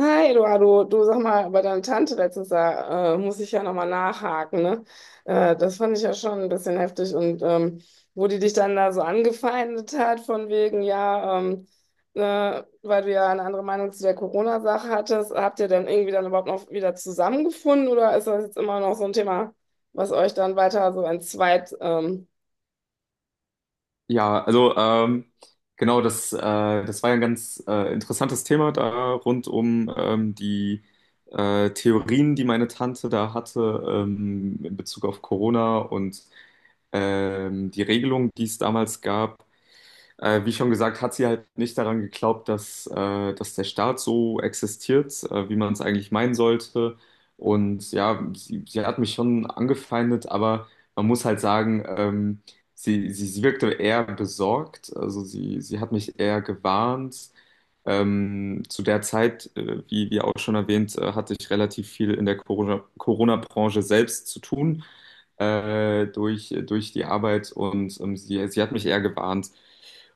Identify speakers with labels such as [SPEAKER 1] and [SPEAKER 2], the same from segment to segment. [SPEAKER 1] Hi, Eduardo, du sag mal, bei deiner Tante letztens, da muss ich ja nochmal nachhaken, ne? Das fand ich ja schon ein bisschen heftig, und wo die dich dann da so angefeindet hat, von wegen, ja, weil du ja eine andere Meinung zu der Corona-Sache hattest, habt ihr dann irgendwie dann überhaupt noch wieder zusammengefunden, oder ist das jetzt immer noch so ein Thema, was euch dann weiter so entzweit?
[SPEAKER 2] Ja, also genau, das war ja ein ganz interessantes Thema da rund um die Theorien, die meine Tante da hatte, in Bezug auf Corona und die Regelung, die es damals gab. Wie schon gesagt, hat sie halt nicht daran geglaubt, dass der Staat so existiert, wie man es eigentlich meinen sollte. Und ja, sie hat mich schon angefeindet, aber man muss halt sagen, sie wirkte eher besorgt. Also sie hat mich eher gewarnt. Zu der Zeit, wie auch schon erwähnt, hatte ich relativ viel in der Corona-Branche selbst zu tun, durch die Arbeit, und sie hat mich eher gewarnt.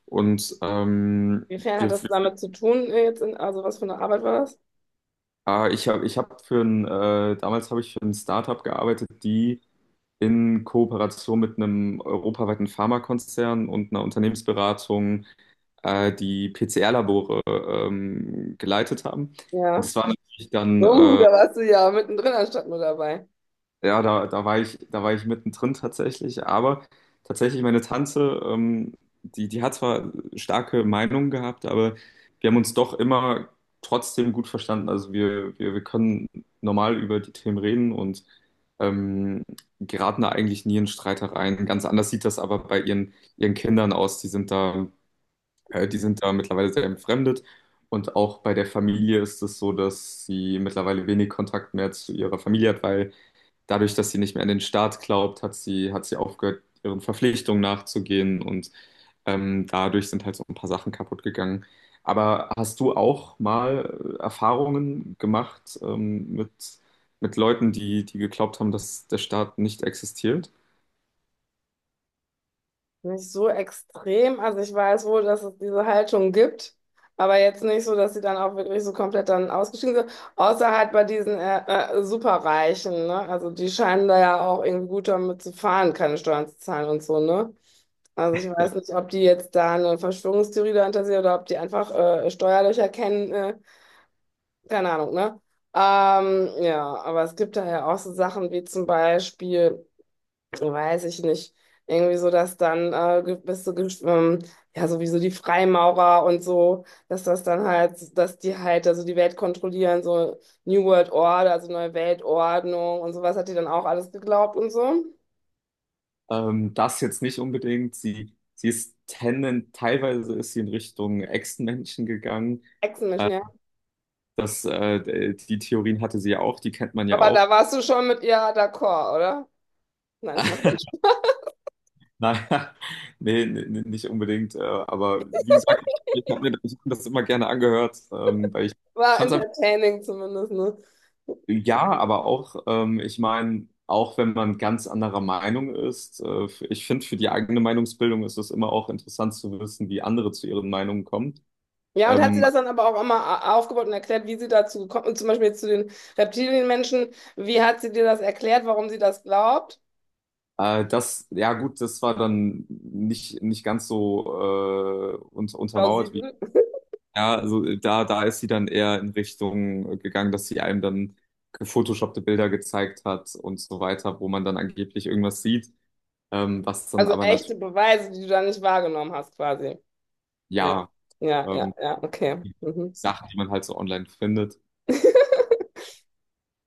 [SPEAKER 2] Und
[SPEAKER 1] Inwiefern hat
[SPEAKER 2] wir,
[SPEAKER 1] das damit zu tun jetzt? Also was für eine Arbeit war das?
[SPEAKER 2] ah, ich habe ich hab für damals habe ich für ein Startup gearbeitet, die in Kooperation mit einem europaweiten Pharmakonzern und einer Unternehmensberatung die PCR-Labore geleitet haben. Und
[SPEAKER 1] Ja.
[SPEAKER 2] das war natürlich dann
[SPEAKER 1] Oh, da warst du ja mittendrin anstatt nur dabei.
[SPEAKER 2] ja, da war ich mittendrin tatsächlich, aber tatsächlich meine Tante, die hat zwar starke Meinungen gehabt, aber wir haben uns doch immer trotzdem gut verstanden. Also wir können normal über die Themen reden und ähm, geraten da eigentlich nie in Streitereien. Ganz anders sieht das aber bei ihren Kindern aus. Die sind da mittlerweile sehr entfremdet. Und auch bei der Familie ist es so, dass sie mittlerweile wenig Kontakt mehr zu ihrer Familie hat, weil dadurch, dass sie nicht mehr an den Staat glaubt, hat sie aufgehört, ihren Verpflichtungen nachzugehen, und dadurch sind halt so ein paar Sachen kaputt gegangen. Aber hast du auch mal Erfahrungen gemacht mit Leuten, die geglaubt haben, dass der Staat nicht existiert?
[SPEAKER 1] Nicht so extrem. Also ich weiß wohl, dass es diese Haltung gibt, aber jetzt nicht so, dass sie dann auch wirklich so komplett dann ausgestiegen sind. Außer halt bei diesen Superreichen, ne? Also die scheinen da ja auch irgendwie gut damit zu fahren, keine Steuern zu zahlen und so, ne? Also ich weiß nicht, ob die jetzt da eine Verschwörungstheorie dahinter sehen oder ob die einfach Steuerlöcher kennen, keine Ahnung, ne? Ja, aber es gibt da ja auch so Sachen wie zum Beispiel, weiß ich nicht, irgendwie so, dass dann gewisse, ja, sowieso die Freimaurer und so, dass das dann halt, dass die halt also die Welt kontrollieren, so New World Order, also neue Weltordnung und sowas hat die dann auch alles geglaubt und so.
[SPEAKER 2] Das jetzt nicht unbedingt. Sie ist teilweise ist sie in Richtung Echsenmenschen gegangen.
[SPEAKER 1] Echsenmenschen, ja.
[SPEAKER 2] Das, die Theorien hatte sie ja auch, die kennt man ja
[SPEAKER 1] Aber da
[SPEAKER 2] auch.
[SPEAKER 1] warst du schon mit ihr d'accord, oder? Nein, ich mach nicht.
[SPEAKER 2] Naja, nee, nee, nee, nicht unbedingt. Aber wie gesagt, ich habe mir das immer gerne angehört, weil ich
[SPEAKER 1] War
[SPEAKER 2] fand es einfach,
[SPEAKER 1] entertaining zumindest, ne?
[SPEAKER 2] ja, aber auch, ich meine, auch wenn man ganz anderer Meinung ist, ich finde, für die eigene Meinungsbildung ist es immer auch interessant zu wissen, wie andere zu ihren Meinungen kommen.
[SPEAKER 1] Ja, und hat sie
[SPEAKER 2] Ähm,
[SPEAKER 1] das dann aber auch immer aufgebaut und erklärt, wie sie dazu gekommen ist, zum Beispiel jetzt zu den Reptilienmenschen, wie hat sie dir das erklärt, warum sie das glaubt?
[SPEAKER 2] das, ja gut, das war dann nicht ganz so un untermauert, wie
[SPEAKER 1] Plausibel.
[SPEAKER 2] ja, also da ist sie dann eher in Richtung gegangen, dass sie einem dann gefotoshoppte Bilder gezeigt hat und so weiter, wo man dann angeblich irgendwas sieht, was dann
[SPEAKER 1] Also
[SPEAKER 2] aber natürlich,
[SPEAKER 1] echte Beweise, die du da nicht wahrgenommen hast, quasi. Ja,
[SPEAKER 2] ja,
[SPEAKER 1] ja, ja,
[SPEAKER 2] ähm,
[SPEAKER 1] ja, okay.
[SPEAKER 2] die
[SPEAKER 1] Mhm.
[SPEAKER 2] Sachen, die man halt so online findet.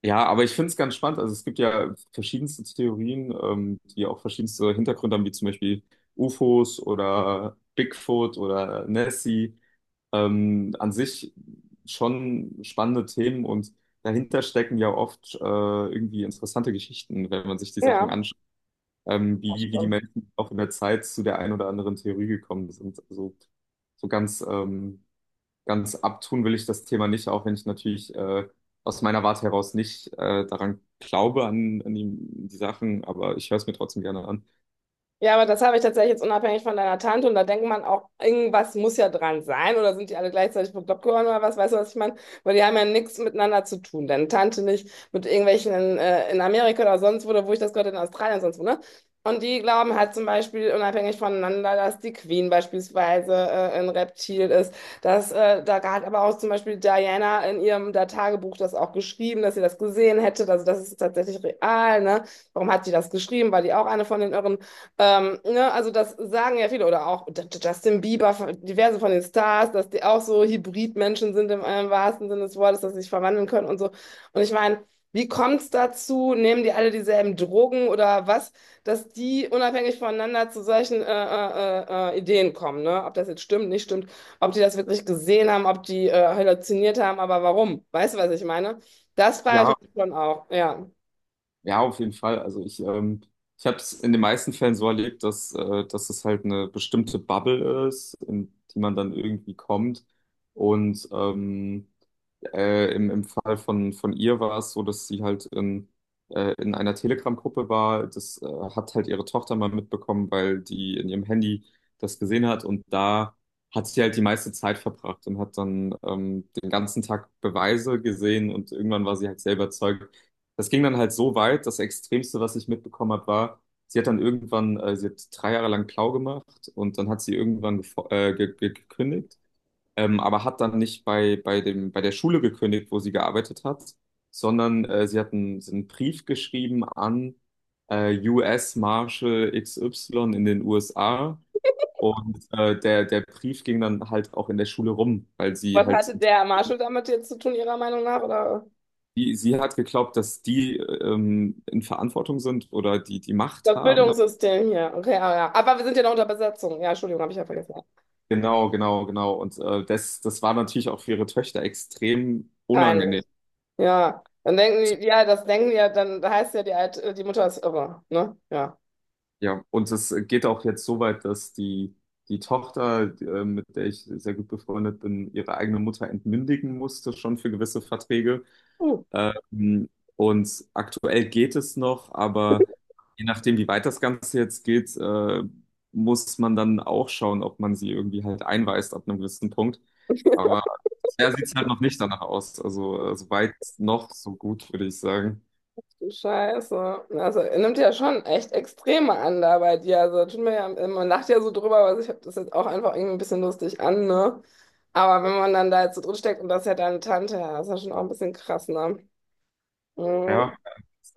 [SPEAKER 2] Ja, aber ich finde es ganz spannend. Also es gibt ja verschiedenste Theorien, die auch verschiedenste Hintergründe haben, wie zum Beispiel UFOs oder Bigfoot oder Nessie. An sich schon spannende Themen, und dahinter stecken ja oft irgendwie interessante Geschichten, wenn man sich die Sachen
[SPEAKER 1] Ja,
[SPEAKER 2] anschaut,
[SPEAKER 1] das
[SPEAKER 2] wie die
[SPEAKER 1] stimmt.
[SPEAKER 2] Menschen auch in der Zeit zu der einen oder anderen Theorie gekommen sind. Also so ganz abtun will ich das Thema nicht, auch wenn ich natürlich aus meiner Warte heraus nicht daran glaube, an die Sachen, aber ich höre es mir trotzdem gerne an.
[SPEAKER 1] Ja, aber das habe ich tatsächlich jetzt unabhängig von deiner Tante, und da denkt man auch, irgendwas muss ja dran sein, oder sind die alle gleichzeitig bekloppt geworden oder was, weißt du, was ich meine? Weil die haben ja nichts miteinander zu tun. Deine Tante nicht mit irgendwelchen in Amerika oder sonst wo, oder wo ich das gehört habe, in Australien sonst wo, ne? Und die glauben halt zum Beispiel unabhängig voneinander, dass die Queen beispielsweise ein Reptil ist. Da hat aber auch zum Beispiel Diana in ihrem da Tagebuch das auch geschrieben, dass sie das gesehen hätte. Also das ist tatsächlich real, ne? Warum hat die das geschrieben? War die auch eine von den irren, ne, also das sagen ja viele, oder auch Justin Bieber, diverse von den Stars, dass die auch so Hybridmenschen sind im, wahrsten Sinne des Wortes, dass sie sich verwandeln können und so. Und ich meine, wie kommt's dazu? Nehmen die alle dieselben Drogen oder was, dass die unabhängig voneinander zu solchen Ideen kommen, ne? Ob das jetzt stimmt, nicht stimmt, ob die das wirklich gesehen haben, ob die halluziniert haben, aber warum? Weißt du, was ich meine? Das frage
[SPEAKER 2] Ja,
[SPEAKER 1] ich mich schon auch, ja.
[SPEAKER 2] ja, auf jeden Fall. Also ich habe es in den meisten Fällen so erlebt, dass es halt eine bestimmte Bubble ist, in die man dann irgendwie kommt. Und im Fall von ihr war es so, dass sie halt in einer Telegram-Gruppe war. Das hat halt ihre Tochter mal mitbekommen, weil die in ihrem Handy das gesehen hat. Und da hat sie halt die meiste Zeit verbracht und hat dann den ganzen Tag Beweise gesehen, und irgendwann war sie halt selber überzeugt. Das ging dann halt so weit, das Extremste, was ich mitbekommen habe, war, sie hat dann irgendwann, sie hat 3 Jahre lang Klau gemacht, und dann hat sie irgendwann gefo- ge ge gekündigt, aber hat dann nicht bei der Schule gekündigt, wo sie gearbeitet hat, sondern sie hat sie hat einen Brief geschrieben an US Marshal XY in den USA, und der Brief ging dann halt auch in der Schule rum, weil sie
[SPEAKER 1] Was
[SPEAKER 2] halt,
[SPEAKER 1] hatte der Marshall damit jetzt zu tun, Ihrer Meinung nach, oder?
[SPEAKER 2] sie hat geglaubt, dass die in Verantwortung sind oder die die Macht
[SPEAKER 1] Das
[SPEAKER 2] haben.
[SPEAKER 1] Bildungssystem hier. Okay, ah, ja. Aber wir sind ja noch unter Besetzung. Ja, Entschuldigung, habe ich ja vergessen.
[SPEAKER 2] Genau, genau, genau. Und das war natürlich auch für ihre Töchter extrem unangenehm.
[SPEAKER 1] Peinlich. Ja. Dann denken die, ja, das denken die ja, dann heißt ja, die, Alt, die Mutter ist irre, ne? Ja.
[SPEAKER 2] Ja, und es geht auch jetzt so weit, dass die Tochter, mit der ich sehr gut befreundet bin, ihre eigene Mutter entmündigen musste, schon für gewisse Verträge.
[SPEAKER 1] Hm,
[SPEAKER 2] Ähm, und aktuell geht es noch, aber je nachdem, wie weit das Ganze jetzt geht, muss man dann auch schauen, ob man sie irgendwie halt einweist ab einem gewissen Punkt. Aber bisher sieht es halt noch nicht danach aus. Also, so weit noch, so gut, würde ich sagen.
[SPEAKER 1] du Scheiße. Also, er nimmt ja schon echt Extreme an da bei dir. Also, tut mir ja, man lacht ja so drüber, aber ich habe das jetzt auch einfach irgendwie ein bisschen lustig an, ne? Aber wenn man dann da jetzt so drin steckt und das ist ja deine Tante, ja, das ist ja schon auch ein bisschen krass, ne?
[SPEAKER 2] Ja.
[SPEAKER 1] Mhm.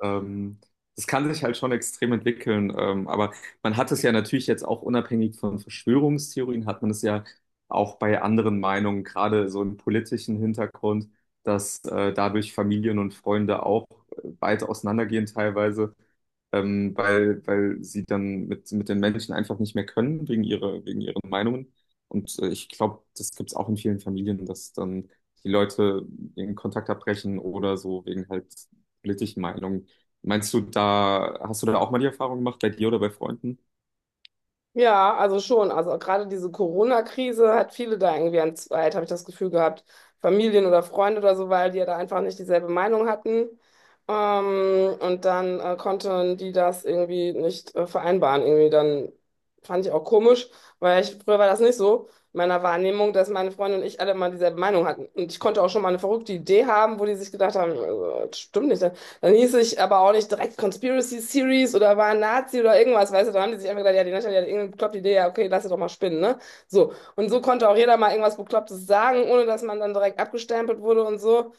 [SPEAKER 2] Ähm, Das kann sich halt schon extrem entwickeln, aber man hat es ja natürlich jetzt auch unabhängig von Verschwörungstheorien, hat man es ja auch bei anderen Meinungen, gerade so im politischen Hintergrund, dass dadurch Familien und Freunde auch weit auseinandergehen teilweise, weil sie dann mit den Menschen einfach nicht mehr können, wegen wegen ihren Meinungen. Und ich glaube, das gibt es auch in vielen Familien, dass dann die Leute den Kontakt abbrechen oder so wegen halt politischen Meinungen. Meinst du, da hast du da auch mal die Erfahrung gemacht, bei dir oder bei Freunden?
[SPEAKER 1] Ja, also schon. Also gerade diese Corona-Krise hat viele da irgendwie entzweit, habe ich das Gefühl gehabt. Familien oder Freunde oder so, weil die ja da einfach nicht dieselbe Meinung hatten. Und dann konnten die das irgendwie nicht vereinbaren. Irgendwie dann fand ich auch komisch, weil ich, früher war das nicht so, in meiner Wahrnehmung, dass meine Freunde und ich alle immer dieselbe Meinung hatten. Und ich konnte auch schon mal eine verrückte Idee haben, wo die sich gedacht haben, das stimmt nicht, dann hieß ich aber auch nicht direkt Conspiracy Series oder war ein Nazi oder irgendwas, weißt du, dann haben die sich einfach gedacht, ja, die Natalie hat irgendeine bekloppte Idee, ja, okay, lass sie doch mal spinnen, ne? So. Und so konnte auch jeder mal irgendwas Beklopptes sagen, ohne dass man dann direkt abgestempelt wurde und so.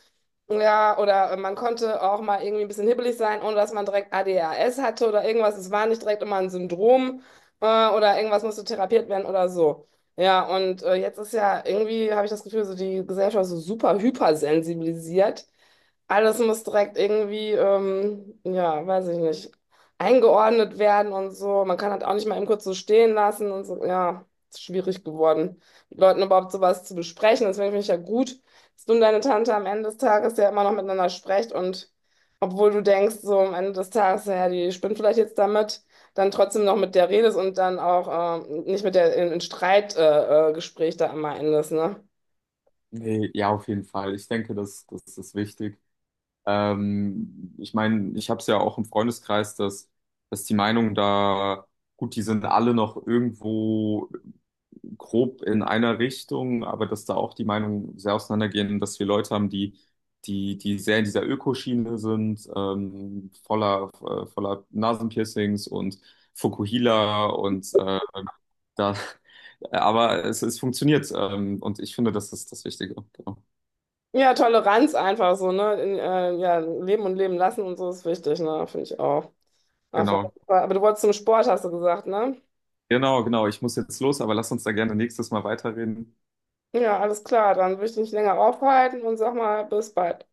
[SPEAKER 1] Ja, oder man konnte auch mal irgendwie ein bisschen hibbelig sein, ohne dass man direkt ADHS hatte oder irgendwas. Es war nicht direkt immer ein Syndrom, oder irgendwas musste therapiert werden oder so. Ja, und jetzt ist ja irgendwie, habe ich das Gefühl, so die Gesellschaft ist so super hypersensibilisiert. Alles muss direkt irgendwie, ja, weiß ich nicht, eingeordnet werden und so. Man kann halt auch nicht mal eben kurz so stehen lassen und so. Ja, ist schwierig geworden, mit Leuten überhaupt sowas zu besprechen. Deswegen finde ich ja gut, dass du und deine Tante am Ende des Tages ja immer noch miteinander sprecht, und obwohl du denkst, so am Ende des Tages, ja, die spinnt vielleicht jetzt damit, dann trotzdem noch mit der redest und dann auch nicht mit der in Streitgespräch Gespräch da immer endest, ne?
[SPEAKER 2] Nee, ja, auf jeden Fall. Ich denke, das ist wichtig. Ich meine, ich habe es ja auch im Freundeskreis, dass die Meinungen da, gut, die sind alle noch irgendwo grob in einer Richtung, aber dass da auch die Meinungen sehr auseinandergehen, dass wir Leute haben, die sehr in dieser Ökoschiene sind, voller Nasenpiercings und Fukuhila und da, aber es funktioniert, und ich finde, das ist das Wichtige. Genau.
[SPEAKER 1] Ja, Toleranz einfach so, ne? Ja, leben und leben lassen und so ist wichtig, ne? Finde ich auch. Einfach,
[SPEAKER 2] Genau,
[SPEAKER 1] aber du wolltest zum Sport, hast du gesagt, ne?
[SPEAKER 2] genau, genau. Ich muss jetzt los, aber lass uns da gerne nächstes Mal weiterreden.
[SPEAKER 1] Ja, alles klar, dann will ich dich nicht länger aufhalten und sag mal, bis bald.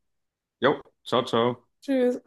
[SPEAKER 2] Jo, ciao, ciao.
[SPEAKER 1] Tschüss.